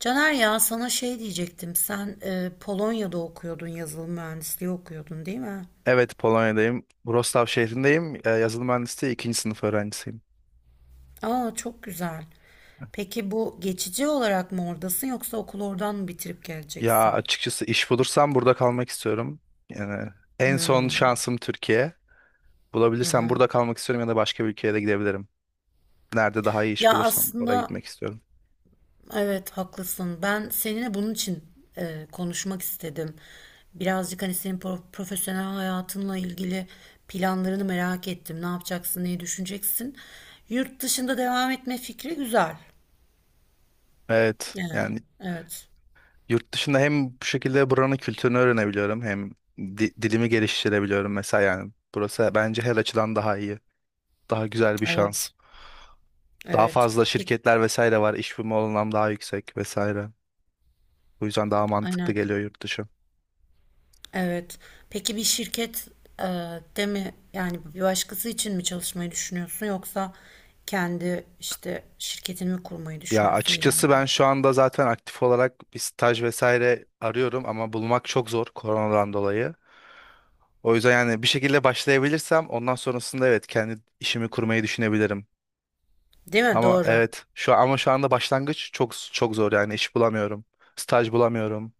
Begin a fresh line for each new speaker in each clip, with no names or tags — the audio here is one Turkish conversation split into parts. Caner ya sana şey diyecektim. Sen Polonya'da okuyordun, yazılım mühendisliği okuyordun değil mi?
Evet, Polonya'dayım. Wrocław şehrindeyim. Yazılım mühendisliği ikinci sınıf öğrencisiyim.
Aa çok güzel. Peki bu geçici olarak mı oradasın yoksa okulu oradan mı bitirip
Ya
geleceksin?
açıkçası iş bulursam burada kalmak istiyorum. Yani en son
Hmm.
şansım Türkiye.
Hı
Bulabilirsem
hı.
burada kalmak istiyorum ya da başka bir ülkeye de gidebilirim. Nerede daha iyi iş
Ya
bulursam oraya
aslında
gitmek istiyorum.
evet haklısın. Ben seninle bunun için konuşmak istedim. Birazcık hani senin profesyonel hayatınla ilgili planlarını merak ettim. Ne yapacaksın, neyi düşüneceksin? Yurt dışında devam etme fikri güzel.
Evet,
Yani
yani
evet.
yurt dışında hem bu şekilde buranın kültürünü öğrenebiliyorum hem dilimi geliştirebiliyorum mesela yani. Burası bence her açıdan daha iyi. Daha güzel bir şans.
Evet.
Daha
Evet.
fazla
Peki
şirketler vesaire var. İş bulma olanağım daha yüksek vesaire. Bu yüzden daha mantıklı
aynen.
geliyor yurt dışı.
Evet. Peki bir şirket e, de mi yani bir başkası için mi çalışmayı düşünüyorsun yoksa kendi işte şirketini mi kurmayı
Ya
düşünüyorsun
açıkçası
ileride?
ben şu anda zaten aktif olarak bir staj vesaire arıyorum ama bulmak çok zor koronadan dolayı. O yüzden yani bir şekilde başlayabilirsem ondan sonrasında evet kendi işimi kurmayı düşünebilirim.
Değil mi?
Ama
Doğru.
evet şu anda başlangıç çok çok zor yani iş bulamıyorum. Staj bulamıyorum.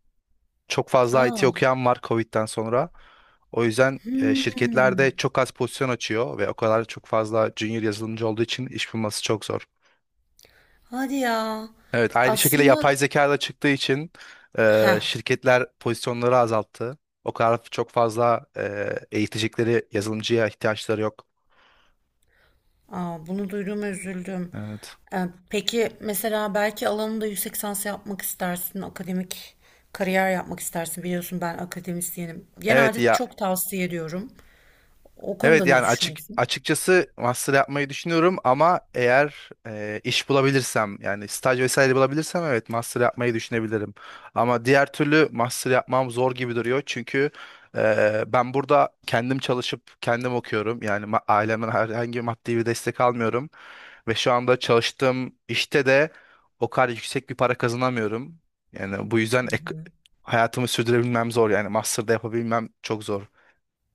Çok fazla IT
Aa.
okuyan var Covid'den sonra. O yüzden
Hmm.
şirketlerde çok az pozisyon açıyor ve o kadar çok fazla junior yazılımcı olduğu için iş bulması çok zor.
Hadi ya.
Evet, aynı şekilde
Aslında
yapay zeka da çıktığı için
heh,
şirketler pozisyonları azalttı. O kadar çok fazla eğitecekleri yazılımcıya ihtiyaçları yok.
Aa, bunu duyduğuma üzüldüm.
Evet.
Peki mesela belki alanında yüksek lisans yapmak istersin, akademik kariyer yapmak istersin. Biliyorsun ben akademisyenim.
Evet
Genelde
ya.
çok tavsiye ediyorum. O konuda
Evet
ne
yani açık
düşünüyorsun?
açıkçası master yapmayı düşünüyorum ama eğer iş bulabilirsem yani staj vesaire bulabilirsem evet master yapmayı düşünebilirim. Ama diğer türlü master yapmam zor gibi duruyor çünkü ben burada kendim çalışıp kendim okuyorum. Yani ailemden herhangi bir maddi bir destek almıyorum ve şu anda çalıştığım işte de o kadar yüksek bir para kazanamıyorum. Yani bu yüzden
Hı hı.
hayatımı sürdürebilmem zor yani master'da yapabilmem çok zor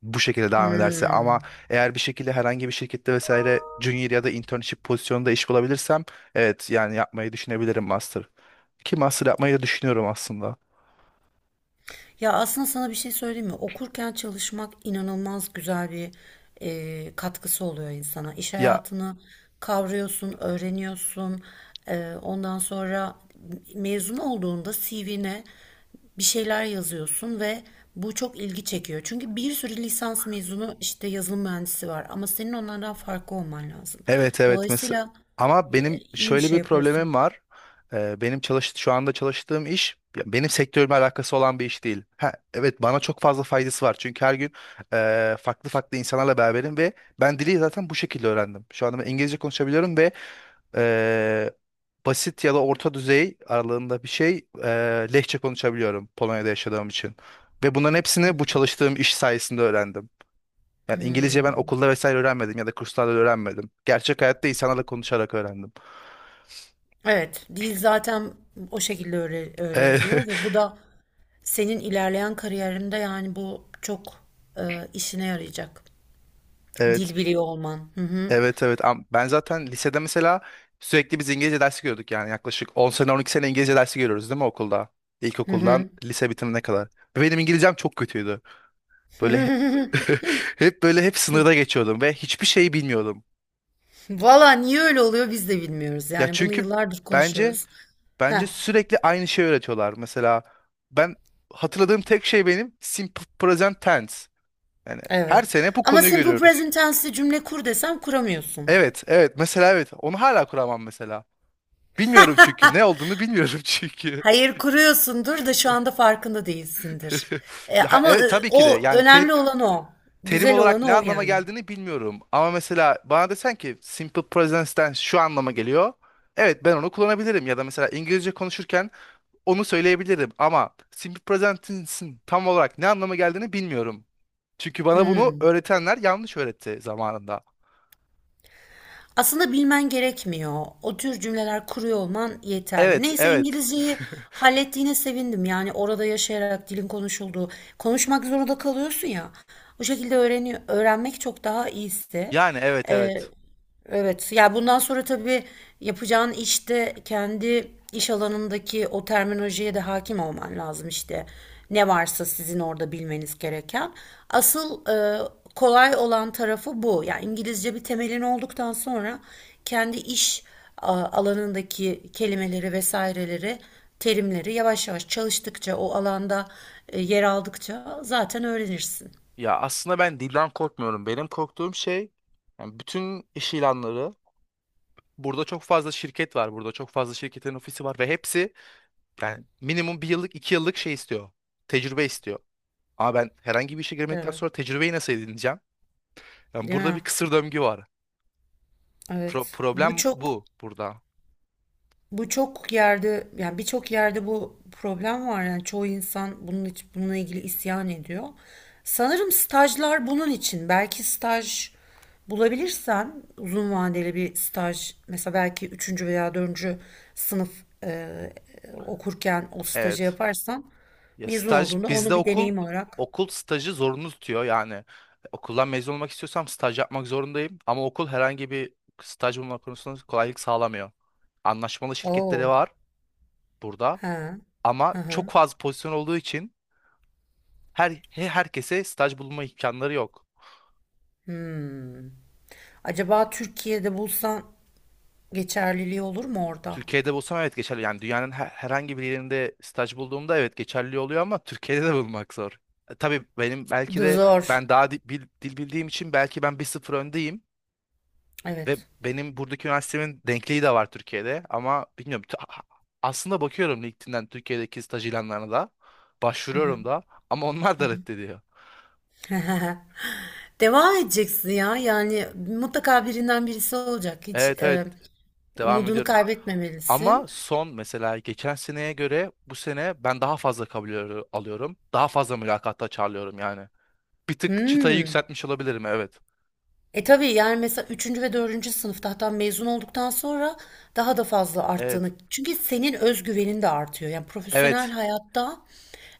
bu şekilde devam ederse. Ama
Hmm.
eğer bir şekilde herhangi bir şirkette vesaire junior ya da internship pozisyonunda iş bulabilirsem evet yani yapmayı düşünebilirim master. Ki master yapmayı da düşünüyorum aslında.
Ya aslında sana bir şey söyleyeyim mi? Okurken çalışmak inanılmaz güzel bir katkısı oluyor insana. İş
Ya
hayatını kavruyorsun, öğreniyorsun. Ondan sonra mezun olduğunda CV'ne bir şeyler yazıyorsun ve bu çok ilgi çekiyor. Çünkü bir sürü lisans mezunu işte yazılım mühendisi var ama senin onlardan farklı olman lazım.
evet evet mes
Dolayısıyla
ama benim
iyi bir
şöyle bir
şey yapıyorsun.
problemim var. Benim şu anda çalıştığım iş ya benim sektörümle alakası olan bir iş değil. Ha, evet bana çok fazla faydası var çünkü her gün farklı farklı insanlarla beraberim ve ben dili zaten bu şekilde öğrendim. Şu anda ben İngilizce konuşabiliyorum ve basit ya da orta düzey aralığında bir şey Lehçe konuşabiliyorum Polonya'da yaşadığım için. Ve bunların hepsini bu çalıştığım iş sayesinde öğrendim. Yani İngilizce ben
Hmm.
okulda vesaire öğrenmedim ya da kurslarda da öğrenmedim. Gerçek hayatta insanlarla konuşarak öğrendim.
Evet, dil zaten o şekilde
E,
öğreniliyor ve bu da senin ilerleyen kariyerinde yani bu çok işine yarayacak.
evet,
Dil biliyor olman. Hı hı.
evet. Ben zaten lisede mesela sürekli biz İngilizce dersi görüyorduk yani yaklaşık 10 sene 12 sene İngilizce dersi görüyoruz değil mi okulda?
Hı
İlkokuldan
hı.
lise bitimine kadar. Ve benim İngilizcem çok kötüydü. Böyle hep sınırda geçiyordum ve hiçbir şeyi bilmiyordum.
Valla niye öyle oluyor biz de bilmiyoruz.
Ya
Yani bunu
çünkü
yıllardır
bence
konuşuyoruz. Heh,
bence sürekli aynı şeyi öğretiyorlar. Mesela ben hatırladığım tek şey benim simple present tense. Yani her
evet.
sene bu
Ama
konuyu
simple
görüyoruz.
present tense'li cümle kur desem kuramıyorsun.
Evet, evet. Mesela evet. Onu hala kuramam mesela. Bilmiyorum çünkü. Ne olduğunu bilmiyorum çünkü.
Hayır kuruyorsundur da şu anda farkında değilsindir. E,
Ya
ama e,
evet, tabii ki de.
o
Yani
önemli olan o.
terim
Güzel olan
olarak ne
o
anlama
yani.
geldiğini bilmiyorum. Ama mesela bana desen ki simple present tense şu anlama geliyor. Evet, ben onu kullanabilirim. Ya da mesela İngilizce konuşurken onu söyleyebilirim ama simple present'in tam olarak ne anlama geldiğini bilmiyorum. Çünkü bana bunu
Hmm.
öğretenler yanlış öğretti zamanında.
Aslında bilmen gerekmiyor. O tür cümleler kuruyor olman yeterli.
Evet,
Neyse
evet.
İngilizceyi hallettiğine sevindim. Yani orada yaşayarak dilin konuşulduğu, konuşmak zorunda kalıyorsun ya. Bu şekilde öğreniyor, öğrenmek çok daha iyisi.
Yani evet,
Ee,
evet.
evet. Ya bundan sonra tabii yapacağın işte kendi İş alanındaki o terminolojiye de hakim olman lazım işte. Ne varsa sizin orada bilmeniz gereken. Asıl kolay olan tarafı bu. Yani İngilizce bir temelin olduktan sonra kendi iş alanındaki kelimeleri vesaireleri, terimleri yavaş yavaş çalıştıkça o alanda yer aldıkça zaten öğrenirsin.
Ya aslında ben dilden korkmuyorum. Benim korktuğum şey yani bütün iş ilanları. Burada çok fazla şirket var. Burada çok fazla şirketin ofisi var ve hepsi yani minimum bir yıllık, iki yıllık şey istiyor. Tecrübe istiyor. Ama ben herhangi bir işe girmedikten
Evet.
sonra tecrübeyi nasıl edineceğim? Yani
Değil
burada bir
mi?
kısır döngü var.
Evet. Bu
Problem
çok,
bu burada.
bu çok yerde yani birçok yerde bu problem var yani çoğu insan bunun için, bununla ilgili isyan ediyor. Sanırım stajlar bunun için. Belki staj bulabilirsen uzun vadeli bir staj mesela belki üçüncü veya dördüncü sınıf okurken o stajı
Evet.
yaparsan
Ya
mezun
staj
olduğunda
bizde
onu bir deneyim olarak.
okul stajı zorunlu tutuyor yani okuldan mezun olmak istiyorsam staj yapmak zorundayım ama okul herhangi bir staj bulma konusunda kolaylık sağlamıyor. Anlaşmalı şirketleri
Oo.
var burada
He.
ama
Hı
çok
hı.
fazla pozisyon olduğu için herkese staj bulma imkanları yok.
Hmm. Acaba Türkiye'de bulsan geçerliliği olur mu orada?
Türkiye'de bulsam evet geçerli yani dünyanın herhangi bir yerinde staj bulduğumda evet geçerli oluyor ama Türkiye'de de bulmak zor. Tabii benim belki de
Zor.
ben daha dil bildiğim için belki ben bir sıfır öndeyim. Ve
Evet.
benim buradaki üniversitemin denkliği de var Türkiye'de ama bilmiyorum. Aslında bakıyorum LinkedIn'den Türkiye'deki staj ilanlarına da.
Hı hı.
Başvuruyorum da ama onlar da reddediyor.
Devam edeceksin ya. Yani mutlaka birinden birisi olacak. Hiç
Evet, devam
umudunu
ediyorum. Ama
kaybetmemelisin.
son mesela geçen seneye göre bu sene ben daha fazla kabul alıyorum. Daha fazla mülakatta çağrılıyorum yani. Bir tık çıtayı
Hmm.
yükseltmiş olabilirim, evet.
E tabii yani mesela üçüncü ve dördüncü sınıfta hatta mezun olduktan sonra daha da fazla
Evet.
arttığını. Çünkü senin özgüvenin de artıyor. Yani profesyonel
Evet.
hayatta,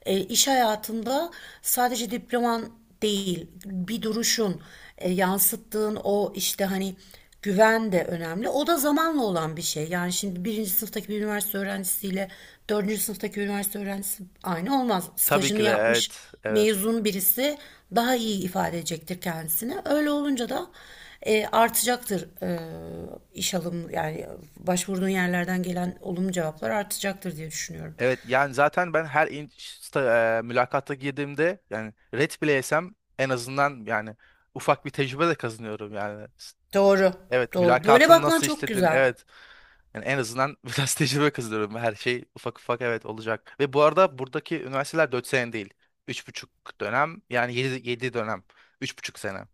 iş hayatında sadece diploman değil, bir duruşun, yansıttığın o işte hani güven de önemli. O da zamanla olan bir şey. Yani şimdi birinci sınıftaki bir üniversite öğrencisiyle dördüncü sınıftaki bir üniversite öğrencisi aynı olmaz.
Tabii
Stajını
ki de,
yapmış
evet. Evet.
mezun birisi daha iyi ifade edecektir kendisini. Öyle olunca da artacaktır, iş alım yani başvurduğun yerlerden gelen olumlu cevaplar artacaktır diye düşünüyorum.
Evet yani zaten ben her in sta- e, mülakata girdiğimde yani red bile yesem en azından yani ufak bir tecrübe de kazanıyorum yani.
Doğru,
Evet,
doğru. Böyle
mülakatın
bakman
nasıl
çok
işledin,
güzel.
evet yani en azından biraz tecrübe kazanıyorum, her şey ufak ufak evet olacak. Ve bu arada buradaki üniversiteler 4 sene değil üç buçuk yani 7 dönem, üç buçuk sene.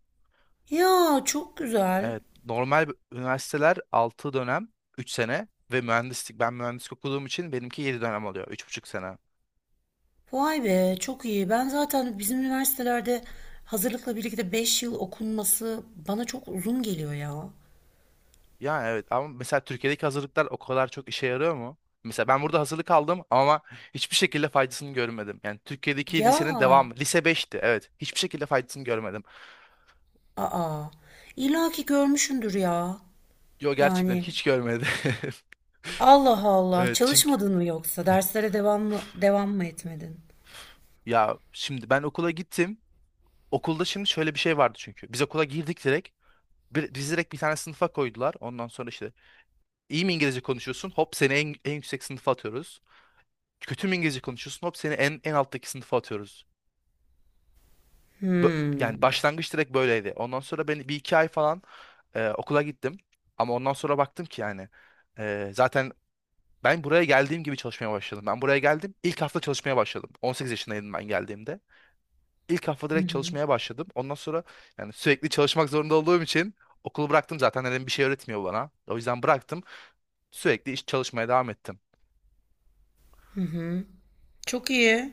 Ya çok güzel.
Evet normal üniversiteler 6 dönem, 3 sene ve mühendislik, ben mühendislik okuduğum için benimki 7 dönem oluyor, üç buçuk sene.
Vay be çok iyi. Ben zaten bizim üniversitelerde hazırlıkla birlikte 5 yıl okunması bana çok uzun geliyor ya.
Yani evet ama mesela Türkiye'deki hazırlıklar o kadar çok işe yarıyor mu? Mesela ben burada hazırlık aldım ama hiçbir şekilde faydasını görmedim. Yani Türkiye'deki
Ya,
lisenin devamı. Lise beşti, evet. Hiçbir şekilde faydasını görmedim.
aa. İlla ki görmüşsündür ya.
Yo, gerçekten
Yani
hiç görmedim.
Allah Allah.
Evet çünkü
Çalışmadın mı yoksa? Derslere devam mı, devam mı etmedin?
ya şimdi ben okula gittim. Okulda şimdi şöyle bir şey vardı çünkü. Biz okula girdik direkt. Bir, bizi direkt bir tane sınıfa koydular. Ondan sonra işte iyi mi İngilizce konuşuyorsun? Hop seni en yüksek sınıfa atıyoruz. Kötü mü İngilizce konuşuyorsun? Hop seni en alttaki sınıfa atıyoruz. Yani
Hmm.
başlangıç direkt böyleydi. Ondan sonra ben bir iki ay falan okula gittim. Ama ondan sonra baktım ki yani zaten ben buraya geldiğim gibi çalışmaya başladım. Ben buraya geldim, ilk hafta çalışmaya başladım. 18 yaşındaydım ben geldiğimde. İlk hafta direkt çalışmaya başladım. Ondan sonra yani sürekli çalışmak zorunda olduğum için okulu bıraktım zaten, dedim bir şey öğretmiyor bana. O yüzden bıraktım. Sürekli iş çalışmaya devam ettim.
Çok iyi.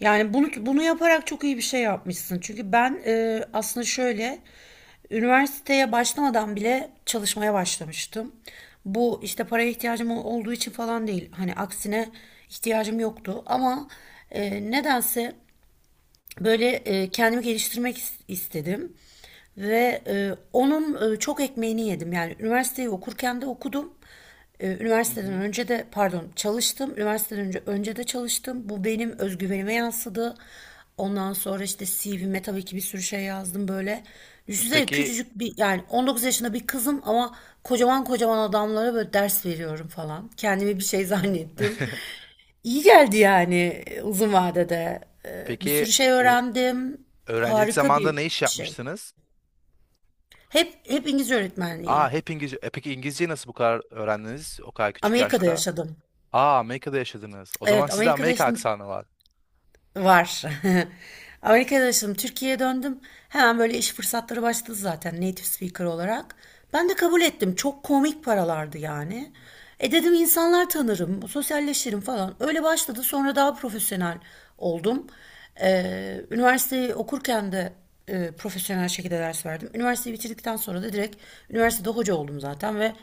Yani bunu yaparak çok iyi bir şey yapmışsın. Çünkü ben aslında şöyle üniversiteye başlamadan bile çalışmaya başlamıştım. Bu işte paraya ihtiyacım olduğu için falan değil. Hani aksine ihtiyacım yoktu ama nedense böyle kendimi geliştirmek istedim ve onun çok ekmeğini yedim. Yani üniversiteyi okurken de okudum.
Hı
Üniversiteden
hı.
önce de pardon çalıştım. Üniversiteden önce de çalıştım. Bu benim özgüvenime yansıdı. Ondan sonra işte CV'me tabii ki bir sürü şey yazdım böyle. Düşünsene
Peki
küçücük bir yani 19 yaşında bir kızım ama kocaman kocaman adamlara böyle ders veriyorum falan. Kendimi bir şey zannettim. İyi geldi yani uzun vadede. Bir sürü
peki
şey
ö-
öğrendim.
öğrencilik
Harika
zamanında
bir
ne iş
bir şey.
yapmıştınız?
Hep İngilizce öğretmenliği.
Aa, hep İngilizce. E peki İngilizceyi nasıl bu kadar öğrendiniz o kadar küçük
Amerika'da
yaşta?
yaşadım.
Aa, Amerika'da yaşadınız. O zaman
Evet,
sizde
Amerika'da
Amerika
yaşadım.
aksanı var.
Var. Amerika'da yaşadım. Türkiye'ye döndüm. Hemen böyle iş fırsatları başladı zaten native speaker olarak. Ben de kabul ettim. Çok komik paralardı yani. E dedim insanlar tanırım, sosyalleşirim falan. Öyle başladı. Sonra daha profesyonel oldum. Üniversiteyi okurken de profesyonel şekilde ders verdim. Üniversiteyi bitirdikten sonra da direkt üniversitede hoca oldum zaten ve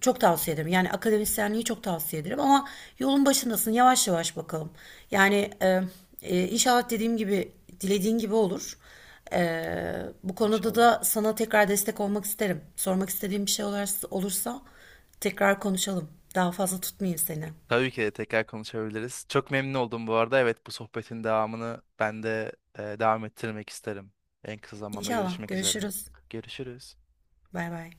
çok tavsiye ederim. Yani akademisyenliği çok tavsiye ederim ama yolun başındasın. Yavaş yavaş bakalım. Yani e, inşallah dediğim gibi, dilediğin gibi olur. Bu konuda
İnşallah.
da sana tekrar destek olmak isterim. Sormak istediğim bir şey olursa, tekrar konuşalım. Daha fazla tutmayayım seni.
Tabii ki de tekrar konuşabiliriz. Çok memnun oldum bu arada. Evet, bu sohbetin devamını ben de devam ettirmek isterim. En kısa zamanda
İnşallah
görüşmek üzere.
görüşürüz.
Görüşürüz.
Bay bay.